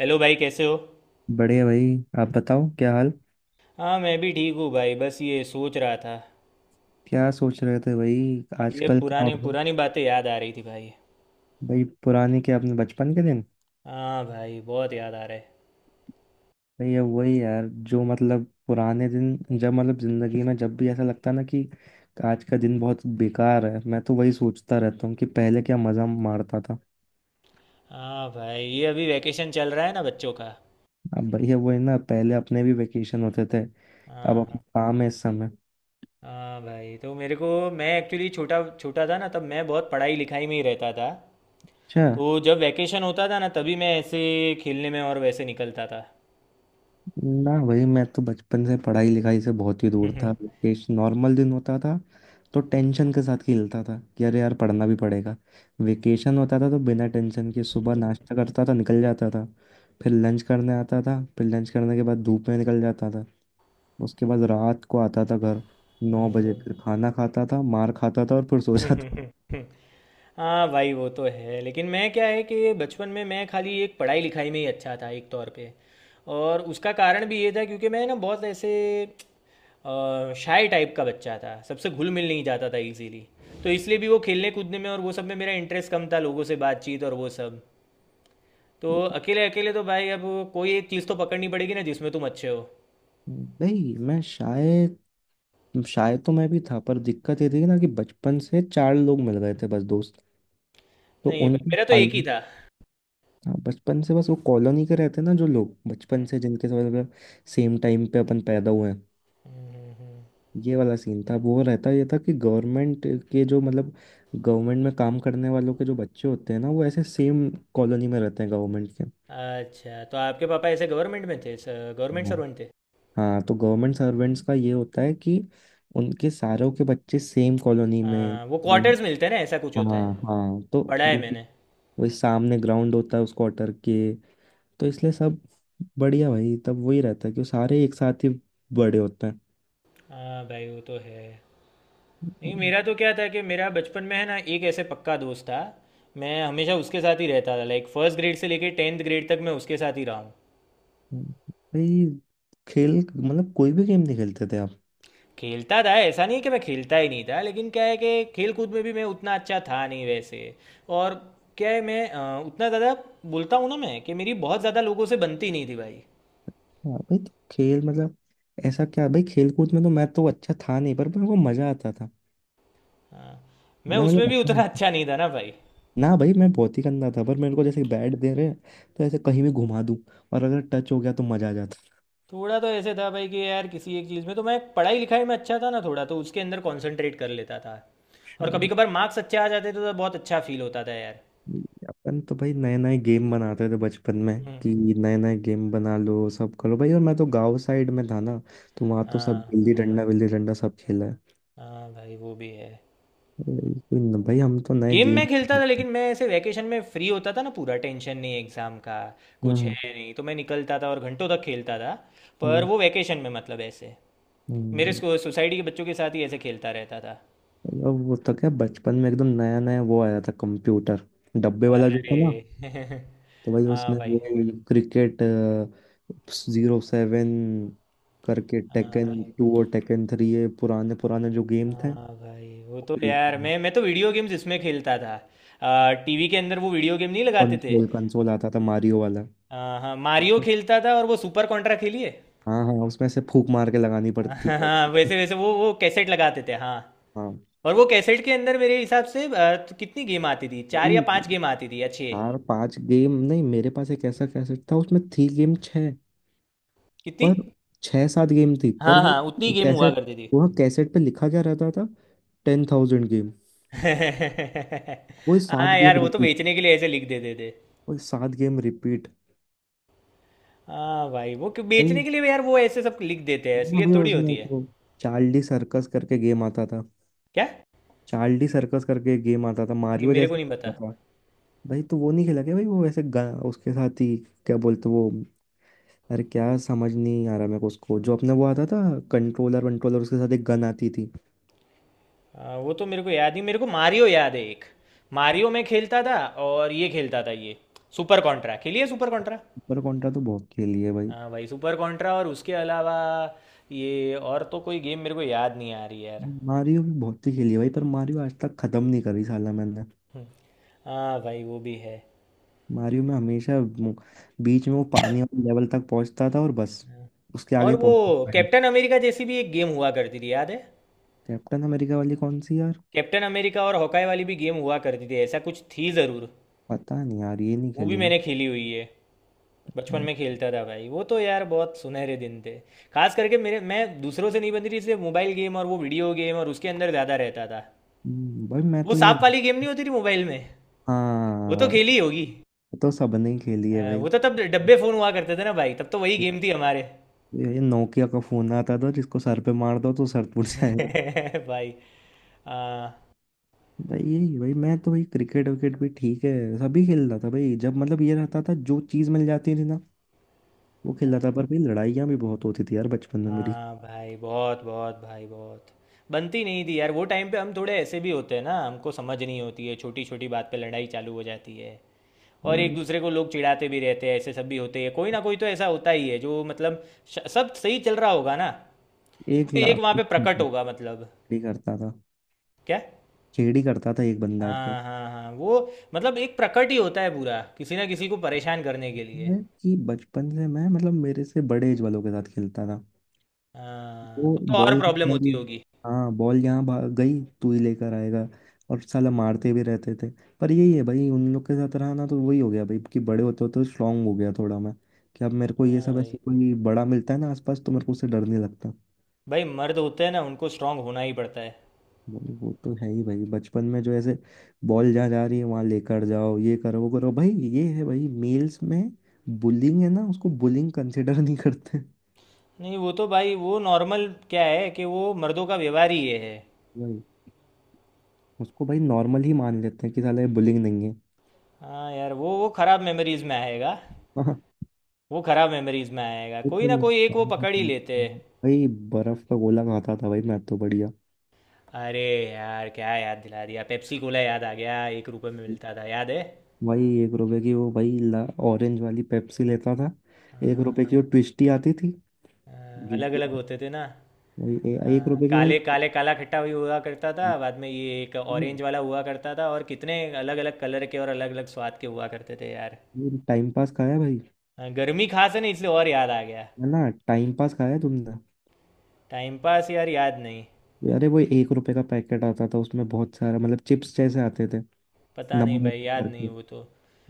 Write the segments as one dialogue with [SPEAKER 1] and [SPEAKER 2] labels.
[SPEAKER 1] Hello भाई, कैसे हो।
[SPEAKER 2] बढ़िया भाई, आप बताओ क्या हाल।
[SPEAKER 1] हाँ, मैं भी ठीक हूँ भाई, बस ये सोच रहा था।
[SPEAKER 2] क्या सोच रहे थे भाई?
[SPEAKER 1] ये
[SPEAKER 2] आजकल क्या हो
[SPEAKER 1] पुरानी
[SPEAKER 2] रहा है?
[SPEAKER 1] पुरानी बातें याद आ रही थी भाई।
[SPEAKER 2] भाई पुराने के अपने बचपन के दिन।
[SPEAKER 1] हाँ भाई, बहुत याद आ रहा है।
[SPEAKER 2] भाई ये वही यार जो मतलब पुराने दिन, जब मतलब जिंदगी में जब भी ऐसा लगता है ना कि आज का दिन बहुत बेकार है, मैं तो वही सोचता रहता हूँ कि पहले क्या मजा मारता था।
[SPEAKER 1] हाँ भाई, ये अभी वैकेशन चल रहा है ना बच्चों का।
[SPEAKER 2] अब भाई ये वही ना, पहले अपने भी वेकेशन होते थे। अब
[SPEAKER 1] हाँ
[SPEAKER 2] अपने
[SPEAKER 1] हाँ।
[SPEAKER 2] काम है इस समय।
[SPEAKER 1] हाँ भाई, तो मेरे को, मैं एक्चुअली छोटा छोटा था ना तब, मैं बहुत पढ़ाई लिखाई में ही रहता था।
[SPEAKER 2] अच्छा।
[SPEAKER 1] तो जब वैकेशन होता था ना तभी मैं ऐसे खेलने में और वैसे निकलता था।
[SPEAKER 2] ना भाई, मैं तो बचपन से पढ़ाई लिखाई से बहुत ही दूर था। वेकेशन नॉर्मल दिन होता था, तो टेंशन के साथ खेलता था कि अरे यार पढ़ना भी पड़ेगा। वेकेशन होता था तो बिना टेंशन के सुबह नाश्ता करता था, निकल जाता था। फिर लंच करने आता था, फिर लंच करने के बाद धूप में निकल जाता था। उसके बाद रात को आता था घर, 9 बजे फिर खाना खाता था, मार खाता था और फिर सो जाता।
[SPEAKER 1] हाँ भाई, वो तो है, लेकिन मैं, क्या है कि बचपन में मैं खाली एक पढ़ाई लिखाई में ही अच्छा था एक तौर पे। और उसका कारण भी ये था क्योंकि मैं ना बहुत ऐसे शाय टाइप का बच्चा था, सबसे घुल मिल नहीं जाता था इजीली। तो इसलिए भी वो खेलने कूदने में और वो सब में मेरा इंटरेस्ट कम था, लोगों से बातचीत और वो सब। तो अकेले अकेले तो भाई, अब कोई एक चीज़ तो पकड़नी पड़ेगी ना जिसमें तुम अच्छे हो।
[SPEAKER 2] भाई मैं शायद। शायद तो मैं भी था, पर दिक्कत ये थी ना कि बचपन से चार लोग मिल गए थे बस दोस्त, तो
[SPEAKER 1] नहीं भाई,
[SPEAKER 2] उनकी।
[SPEAKER 1] मेरा तो एक ही था।
[SPEAKER 2] हाँ, बचपन से बस वो कॉलोनी के रहते हैं ना, जो लोग बचपन
[SPEAKER 1] हम्म।
[SPEAKER 2] से जिनके साथ मतलब सेम टाइम पे अपन पैदा हुए हैं।
[SPEAKER 1] हम्म। हम्म। हम्म।
[SPEAKER 2] ये वाला सीन था, वो रहता ये था कि गवर्नमेंट के जो मतलब गवर्नमेंट में काम करने वालों के जो बच्चे होते हैं ना, वो ऐसे सेम कॉलोनी में रहते हैं गवर्नमेंट के।
[SPEAKER 1] अच्छा, तो आपके पापा ऐसे गवर्नमेंट में थे, गवर्नमेंट
[SPEAKER 2] हाँ
[SPEAKER 1] सर्वेंट थे।
[SPEAKER 2] हाँ, तो गवर्नमेंट सर्वेंट्स का ये होता है कि उनके सारों के बच्चे सेम कॉलोनी में
[SPEAKER 1] हाँ, वो
[SPEAKER 2] सेम।
[SPEAKER 1] क्वार्टर्स मिलते हैं ना, ऐसा कुछ होता है,
[SPEAKER 2] हाँ हाँ, तो
[SPEAKER 1] पढ़ा है
[SPEAKER 2] वो
[SPEAKER 1] मैंने।
[SPEAKER 2] वही सामने ग्राउंड होता है उस क्वार्टर के, तो इसलिए सब बढ़िया भाई, तब वही रहता है कि सारे एक साथ ही बड़े होते हैं।
[SPEAKER 1] हाँ भाई, वो तो है। नहीं, मेरा तो क्या था कि मेरा बचपन में है ना एक ऐसे पक्का दोस्त था, मैं हमेशा उसके साथ ही रहता था, लाइक फर्स्ट ग्रेड से लेके टेंथ ग्रेड तक मैं उसके साथ ही रहा हूँ।
[SPEAKER 2] भाई खेल मतलब कोई भी गेम नहीं खेलते थे आप?
[SPEAKER 1] खेलता था, ऐसा नहीं कि मैं खेलता ही नहीं था, लेकिन क्या है कि खेल कूद में भी मैं उतना अच्छा था नहीं वैसे। और क्या है, मैं उतना ज़्यादा बोलता हूँ ना, मैं कि मेरी बहुत ज़्यादा लोगों से बनती नहीं थी भाई।
[SPEAKER 2] हाँ भाई, तो खेल मतलब ऐसा क्या भाई, खेल कूद में तो मैं तो अच्छा था नहीं, पर मेरे को मजा आता था।
[SPEAKER 1] हाँ। मैं
[SPEAKER 2] मैं
[SPEAKER 1] उसमें
[SPEAKER 2] मतलब
[SPEAKER 1] भी उतना
[SPEAKER 2] अच्छा।
[SPEAKER 1] अच्छा नहीं था ना भाई।
[SPEAKER 2] ना भाई, मैं बहुत ही गंदा था, पर मेरे को जैसे बैट दे रहे हैं तो ऐसे कहीं भी घुमा दूं, और अगर टच हो गया तो मजा आ
[SPEAKER 1] थोड़ा तो ऐसे था भाई कि यार, किसी एक चीज़ में तो, मैं पढ़ाई लिखाई में अच्छा था ना, थोड़ा तो उसके अंदर कंसंट्रेट कर लेता था। और कभी
[SPEAKER 2] जाता।
[SPEAKER 1] कभार मार्क्स अच्छे आ जाते थे तो बहुत अच्छा फील होता था यार।
[SPEAKER 2] अपन तो भाई नए नए गेम बनाते थे बचपन में
[SPEAKER 1] हम्म।
[SPEAKER 2] कि नए नए गेम बना लो, सब करो भाई। और मैं तो गांव साइड में था ना, तो वहाँ तो सब
[SPEAKER 1] हाँ
[SPEAKER 2] गिल्ली
[SPEAKER 1] भाई।
[SPEAKER 2] डंडा विल्ली डंडा सब खेला है।
[SPEAKER 1] हाँ भाई, वो भी है।
[SPEAKER 2] भाई भाई, हम तो नए
[SPEAKER 1] गेम मैं
[SPEAKER 2] गेम।
[SPEAKER 1] खेलता था लेकिन मैं ऐसे वैकेशन में फ्री होता था ना, पूरा टेंशन नहीं एग्ज़ाम का, कुछ
[SPEAKER 2] हम्म।
[SPEAKER 1] है नहीं, तो मैं निकलता था और घंटों तक खेलता था। पर
[SPEAKER 2] हम्म।
[SPEAKER 1] वो वैकेशन में मतलब ऐसे
[SPEAKER 2] हम्म।
[SPEAKER 1] सोसाइटी के बच्चों के साथ ही ऐसे खेलता रहता था।
[SPEAKER 2] और वो तो क्या, बचपन में एकदम नया नया वो आया था कंप्यूटर, डब्बे वाला जो था ना।
[SPEAKER 1] अरे।
[SPEAKER 2] तो भाई
[SPEAKER 1] हाँ
[SPEAKER 2] उसमें
[SPEAKER 1] भाई।
[SPEAKER 2] वो क्रिकेट 07 करके,
[SPEAKER 1] हाँ भाई।
[SPEAKER 2] टेकन 2 और टेकन 3, ये पुराने पुराने जो गेम थे।
[SPEAKER 1] हाँ
[SPEAKER 2] वो
[SPEAKER 1] भाई, वो तो यार,
[SPEAKER 2] खेलते।
[SPEAKER 1] मैं तो वीडियो गेम्स इसमें खेलता था, टीवी के अंदर वो, वीडियो गेम नहीं लगाते थे।
[SPEAKER 2] कंसोल कंसोल आता था मारियो वाला।
[SPEAKER 1] हाँ हाँ, मारियो खेलता था और वो सुपर कॉन्ट्रा खेलिए।
[SPEAKER 2] हाँ हाँ, उसमें से फूक मार के लगानी
[SPEAKER 1] हाँ
[SPEAKER 2] पड़ती थी।
[SPEAKER 1] हाँ, वैसे वैसे वो कैसेट लगाते थे, हाँ।
[SPEAKER 2] हाँ
[SPEAKER 1] और वो कैसेट के अंदर मेरे हिसाब से, तो कितनी गेम आती थी, चार या
[SPEAKER 2] भाई।
[SPEAKER 1] पांच गेम आती थी अच्छे।
[SPEAKER 2] चार पांच गेम नहीं, मेरे पास एक ऐसा कैसेट था, उसमें थी गेम छः।
[SPEAKER 1] कितनी।
[SPEAKER 2] पर छः सात गेम थी, पर
[SPEAKER 1] हाँ
[SPEAKER 2] वो
[SPEAKER 1] हाँ, उतनी गेम हुआ
[SPEAKER 2] कैसेट,
[SPEAKER 1] करती थी।
[SPEAKER 2] वो कैसेट पे लिखा क्या रहता था? 10,000 गेम। वो सात
[SPEAKER 1] हाँ यार,
[SPEAKER 2] गेम
[SPEAKER 1] वो तो
[SPEAKER 2] रिपीट,
[SPEAKER 1] बेचने के लिए ऐसे लिख देते थे।
[SPEAKER 2] वो सात गेम रिपीट
[SPEAKER 1] हाँ भाई, वो
[SPEAKER 2] भाई।
[SPEAKER 1] बेचने के लिए भी यार वो ऐसे सब लिख देते हैं,
[SPEAKER 2] हाँ
[SPEAKER 1] इसलिए
[SPEAKER 2] भाई
[SPEAKER 1] थोड़ी
[SPEAKER 2] उसमें
[SPEAKER 1] होती
[SPEAKER 2] एक
[SPEAKER 1] है।
[SPEAKER 2] वो चार्ली सर्कस करके गेम आता था।
[SPEAKER 1] क्या।
[SPEAKER 2] चार्ली सर्कस करके गेम आता था,
[SPEAKER 1] नहीं,
[SPEAKER 2] मारियो
[SPEAKER 1] मेरे को
[SPEAKER 2] जैसे
[SPEAKER 1] नहीं
[SPEAKER 2] आता
[SPEAKER 1] पता।
[SPEAKER 2] था। भाई तो वो नहीं खेला क्या भाई? वो वैसे उसके साथ ही, क्या बोलते वो? अरे क्या समझ नहीं आ रहा मेरे को, उसको जो अपने वो आता था कंट्रोलर वंट्रोलर, उसके साथ एक गन आती थी।
[SPEAKER 1] आ, वो तो मेरे को याद नहीं, मेरे को मारियो याद है एक, मारियो में खेलता था। और ये खेलता था, ये सुपर कॉन्ट्रा खेलिए, सुपर कॉन्ट्रा।
[SPEAKER 2] सुपर कॉन्ट्रा तो बहुत खेली है भाई।
[SPEAKER 1] हाँ भाई, सुपर कॉन्ट्रा। और उसके अलावा ये, और तो कोई गेम मेरे को याद नहीं आ रही यार।
[SPEAKER 2] मारियो भी बहुत ही खेली है भाई, पर मारियो आज तक खत्म नहीं करी साला मैंने।
[SPEAKER 1] हम्म। हाँ भाई, वो भी है।
[SPEAKER 2] मारियो में हमेशा बीच में वो पानी वाले लेवल तक पहुंचता था और बस,
[SPEAKER 1] हाँ।
[SPEAKER 2] उसके आगे
[SPEAKER 1] और वो
[SPEAKER 2] पहुंचता था।
[SPEAKER 1] कैप्टन अमेरिका जैसी भी एक गेम हुआ करती थी, याद है।
[SPEAKER 2] कैप्टन अमेरिका वाली कौन सी यार?
[SPEAKER 1] कैप्टन अमेरिका और हॉकाई वाली भी गेम हुआ करती थी, ऐसा कुछ थी ज़रूर।
[SPEAKER 2] पता नहीं यार, ये नहीं
[SPEAKER 1] वो भी
[SPEAKER 2] खेली मैं।
[SPEAKER 1] मैंने खेली हुई है, बचपन में खेलता था भाई, वो तो यार बहुत सुनहरे दिन थे। खास करके मेरे, मैं दूसरों से नहीं बनती थी इसलिए मोबाइल गेम और वो वीडियो गेम और उसके अंदर ज़्यादा रहता था।
[SPEAKER 2] भाई मैं
[SPEAKER 1] वो
[SPEAKER 2] तो ये,
[SPEAKER 1] सांप वाली गेम नहीं होती थी मोबाइल में, वो तो
[SPEAKER 2] हाँ,
[SPEAKER 1] खेली होगी।
[SPEAKER 2] ये तो सबने ही खेली है भाई।
[SPEAKER 1] वो तो तब डब्बे फ़ोन हुआ करते थे ना भाई, तब तो वही गेम थी हमारे।
[SPEAKER 2] ये नोकिया का फोन आता था जिसको सर पे मार दो तो सर टूट जाएगा।
[SPEAKER 1] भाई। हाँ।
[SPEAKER 2] भाई यही भाई, मैं तो भाई क्रिकेट विकेट भी ठीक है, सभी खेलता था भाई। जब मतलब ये रहता था जो चीज़ मिल जाती थी ना, वो खेलता
[SPEAKER 1] हाँ
[SPEAKER 2] था। पर भाई लड़ाइयाँ भी बहुत होती थी यार, बचपन में मेरी।
[SPEAKER 1] हाँ भाई बहुत, बहुत भाई बहुत बनती नहीं थी यार। वो टाइम पे हम थोड़े ऐसे भी होते हैं ना, हमको समझ नहीं होती है, छोटी छोटी बात पे लड़ाई चालू हो जाती है। और एक
[SPEAKER 2] भाई,
[SPEAKER 1] दूसरे को लोग चिढ़ाते भी रहते हैं, ऐसे सब भी होते हैं, कोई ना कोई तो ऐसा होता ही है जो मतलब, सब सही चल रहा होगा ना,
[SPEAKER 2] एक
[SPEAKER 1] कोई एक
[SPEAKER 2] लाख
[SPEAKER 1] वहाँ पे प्रकट होगा मतलब।
[SPEAKER 2] ही करता था,
[SPEAKER 1] क्या।
[SPEAKER 2] खेड़ी करता था एक बंदा के।
[SPEAKER 1] हाँ हाँ हाँ, वो, मतलब एक प्रकट ही होता है पूरा किसी ना किसी को परेशान करने के लिए।
[SPEAKER 2] मैं कि बचपन से मैं मतलब मेरे से बड़े एज वालों के साथ खेलता था।
[SPEAKER 1] हाँ
[SPEAKER 2] वो
[SPEAKER 1] तो और
[SPEAKER 2] बॉल
[SPEAKER 1] प्रॉब्लम
[SPEAKER 2] यार,
[SPEAKER 1] होती होगी।
[SPEAKER 2] हाँ बॉल यहाँ गई तू ही लेकर आएगा। और साला मारते भी रहते थे। पर यही है भाई, उन लोग के साथ रहा ना तो वही हो गया भाई कि बड़े होते होते स्ट्रांग हो गया थोड़ा मैं, कि अब मेरे को ये
[SPEAKER 1] हाँ
[SPEAKER 2] सब
[SPEAKER 1] भाई।
[SPEAKER 2] ऐसे कोई बड़ा मिलता है ना आसपास, तो मेरे को उससे डर नहीं लगता।
[SPEAKER 1] भाई मर्द होते हैं ना, उनको स्ट्रांग होना ही पड़ता है।
[SPEAKER 2] वो तो है ही भाई, बचपन में जो ऐसे बॉल जहाँ जा रही है वहाँ लेकर जाओ, ये करो वो करो भाई। ये है भाई, मेल्स में बुलिंग है ना, उसको बुलिंग कंसिडर नहीं करते।
[SPEAKER 1] नहीं, वो तो भाई वो नॉर्मल, क्या है कि वो मर्दों का व्यवहार ही ये है।
[SPEAKER 2] भाई, उसको भाई नॉर्मल ही मान लेते हैं कि साला ये बुलिंग नहीं
[SPEAKER 1] हाँ यार, वो खराब मेमोरीज में आएगा।
[SPEAKER 2] है
[SPEAKER 1] वो खराब मेमोरीज में आएगा, कोई ना
[SPEAKER 2] एकदम
[SPEAKER 1] कोई एक वो पकड़ ही
[SPEAKER 2] अच्छा।
[SPEAKER 1] लेते हैं।
[SPEAKER 2] भाई बर्फ का गोला खाता था भाई, मैं तो बढ़िया।
[SPEAKER 1] अरे यार, क्या याद दिला दिया, पेप्सी कोला याद आ गया, 1 रुपए में मिलता था, याद है।
[SPEAKER 2] भाई 1 रुपए की वो भाई ला, ऑरेंज वाली पेप्सी लेता था। एक रुपए की वो ट्विस्टी आती थी जो,
[SPEAKER 1] अलग अलग होते थे ना।
[SPEAKER 2] भाई
[SPEAKER 1] आ,
[SPEAKER 2] 1 रुपए की भाई।
[SPEAKER 1] काले काले, काला खट्टा भी हुआ करता था, बाद में ये एक ऑरेंज वाला हुआ करता था, और कितने अलग अलग कलर के और अलग अलग स्वाद के हुआ करते थे यार।
[SPEAKER 2] टाइम पास खाया भाई।
[SPEAKER 1] आ, गर्मी खास है ना इसलिए और याद आ गया।
[SPEAKER 2] है ना? टाइम पास खाया तुमने?
[SPEAKER 1] टाइम पास यार, याद नहीं।
[SPEAKER 2] अरे वो 1 रुपए का पैकेट आता था, उसमें बहुत सारा मतलब चिप्स जैसे आते थे,
[SPEAKER 1] पता नहीं
[SPEAKER 2] नंबर
[SPEAKER 1] भाई, याद नहीं
[SPEAKER 2] करके।
[SPEAKER 1] वो तो।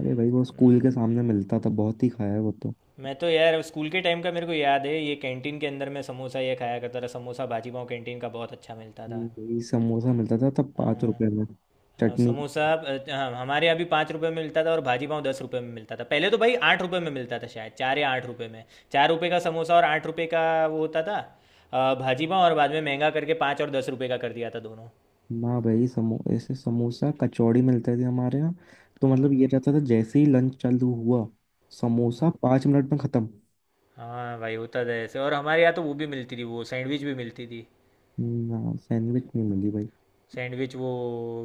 [SPEAKER 2] अरे भाई वो
[SPEAKER 1] हम्म।
[SPEAKER 2] स्कूल के सामने मिलता था, बहुत ही खाया है वो तो।
[SPEAKER 1] मैं तो यार स्कूल के टाइम का मेरे को याद है, ये कैंटीन के अंदर मैं समोसा ये खाया करता था, समोसा भाजी पाव कैंटीन का बहुत अच्छा मिलता था।
[SPEAKER 2] वही समोसा मिलता था तब पाँच
[SPEAKER 1] हाँ,
[SPEAKER 2] रुपए में,
[SPEAKER 1] हाँ,
[SPEAKER 2] चटनी।
[SPEAKER 1] समोसा, हाँ, हमारे यहाँ भी 5 रुपये में मिलता था, और भाजी पाव 10 रुपये में मिलता था, पहले तो भाई 8 रुपये में मिलता था शायद, 4 या 8 रुपये में। 4 रुपये का समोसा और 8 रुपये का वो होता था, भाजी पाव, और बाद में महंगा करके 5 और 10 रुपये का कर दिया था दोनों।
[SPEAKER 2] ना भाई समो ऐसे समोसा कचौड़ी मिलते थे हमारे यहाँ। तो मतलब ये
[SPEAKER 1] हाँ।
[SPEAKER 2] रहता था जैसे ही लंच चालू हुआ, समोसा 5 मिनट में खत्म।
[SPEAKER 1] हाँ भाई, होता था ऐसे, और हमारे यहाँ तो वो भी मिलती थी, वो सैंडविच भी मिलती थी।
[SPEAKER 2] ना सैंडविच नहीं मिली भाई।
[SPEAKER 1] सैंडविच वो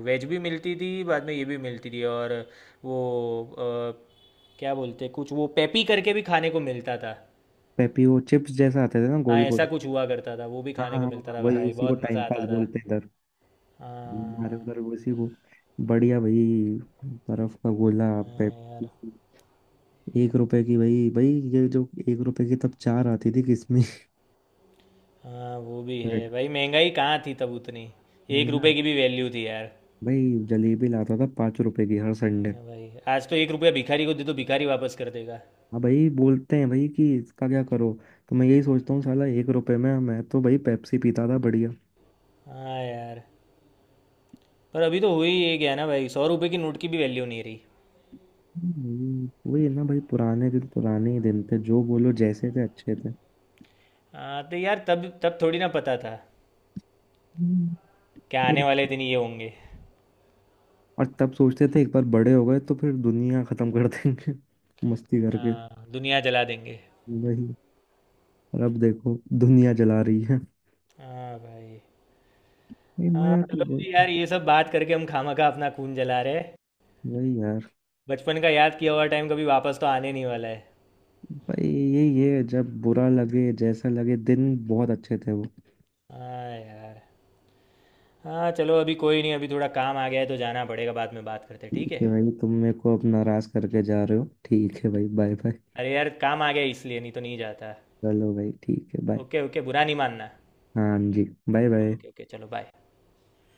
[SPEAKER 1] वेज भी मिलती थी, बाद में ये भी मिलती थी, और वो क्या बोलते, कुछ वो पेपी करके भी खाने को मिलता था।
[SPEAKER 2] पेपी वो चिप्स जैसा आते थे ना,
[SPEAKER 1] हाँ,
[SPEAKER 2] गोल
[SPEAKER 1] ऐसा
[SPEAKER 2] गोल।
[SPEAKER 1] कुछ हुआ करता था, वो भी
[SPEAKER 2] हाँ
[SPEAKER 1] खाने
[SPEAKER 2] हाँ
[SPEAKER 1] को
[SPEAKER 2] हाँ,
[SPEAKER 1] मिलता
[SPEAKER 2] हाँ,
[SPEAKER 1] था
[SPEAKER 2] वही,
[SPEAKER 1] भाई,
[SPEAKER 2] उसी को
[SPEAKER 1] बहुत
[SPEAKER 2] टाइम
[SPEAKER 1] मज़ा
[SPEAKER 2] पास
[SPEAKER 1] आता था।
[SPEAKER 2] बोलते हैं इधर, हमारे
[SPEAKER 1] हाँ।
[SPEAKER 2] उधर उसी को। बढ़िया भाई, बर्फ का गोला,
[SPEAKER 1] हाँ
[SPEAKER 2] पेप
[SPEAKER 1] यार।
[SPEAKER 2] एक रुपए की भाई भाई। ये जो एक रुपए की तब चार आती थी किसमें?
[SPEAKER 1] हाँ वो भी है
[SPEAKER 2] रेट
[SPEAKER 1] भाई, महंगाई कहाँ थी तब उतनी,
[SPEAKER 2] वही
[SPEAKER 1] 1 रुपए
[SPEAKER 2] ना।
[SPEAKER 1] की भी वैल्यू थी यार।
[SPEAKER 2] भाई जलेबी लाता था 5 रुपए की हर संडे।
[SPEAKER 1] हाँ भाई, आज तो 1 रुपया भिखारी को दे तो भिखारी वापस कर देगा।
[SPEAKER 2] हाँ भाई बोलते हैं भाई कि इसका क्या करो। तो मैं यही सोचता हूँ साला 1 रुपए में मैं तो भाई पेप्सी पीता था बढ़िया।
[SPEAKER 1] हाँ यार, पर अभी तो हो ही ये गया ना भाई, 100 रुपए की नोट की भी वैल्यू नहीं रही।
[SPEAKER 2] वही है ना भाई, पुराने दिन पुराने ही दिन थे, जो बोलो जैसे थे अच्छे थे।
[SPEAKER 1] हाँ तो यार, तब तब थोड़ी ना पता था
[SPEAKER 2] हम्म।
[SPEAKER 1] कि
[SPEAKER 2] ये
[SPEAKER 1] आने वाले
[SPEAKER 2] लगता है।
[SPEAKER 1] दिन ये होंगे।
[SPEAKER 2] और तब सोचते थे एक बार बड़े हो गए तो फिर दुनिया खत्म कर देंगे। मस्ती करके
[SPEAKER 1] हाँ, दुनिया जला देंगे।
[SPEAKER 2] वही, और अब देखो दुनिया जला रही है।
[SPEAKER 1] हाँ भाई।
[SPEAKER 2] ये
[SPEAKER 1] हाँ
[SPEAKER 2] मजाक
[SPEAKER 1] चलो
[SPEAKER 2] में
[SPEAKER 1] जी
[SPEAKER 2] बोलते हैं।
[SPEAKER 1] यार, ये सब बात करके हम खामखा अपना खून जला रहे हैं।
[SPEAKER 2] वही यार,
[SPEAKER 1] बचपन का याद किया हुआ टाइम कभी वापस तो आने नहीं वाला है।
[SPEAKER 2] भाई यही है, जब बुरा लगे जैसा लगे, दिन बहुत अच्छे थे वो।
[SPEAKER 1] हाँ यार। हाँ चलो, अभी कोई नहीं, अभी थोड़ा काम आ गया है तो जाना पड़ेगा, बाद में बात करते हैं, ठीक
[SPEAKER 2] ठीक
[SPEAKER 1] है।
[SPEAKER 2] है भाई, तुम मेरे को अब नाराज करके जा रहे हो? ठीक है भाई, बाय बाय।
[SPEAKER 1] अरे यार, काम आ गया है, इसलिए नहीं तो नहीं जाता।
[SPEAKER 2] चलो भाई ठीक है बाय।
[SPEAKER 1] ओके ओके, बुरा नहीं मानना।
[SPEAKER 2] हाँ जी, बाय बाय।
[SPEAKER 1] ओके ओके, चलो बाय।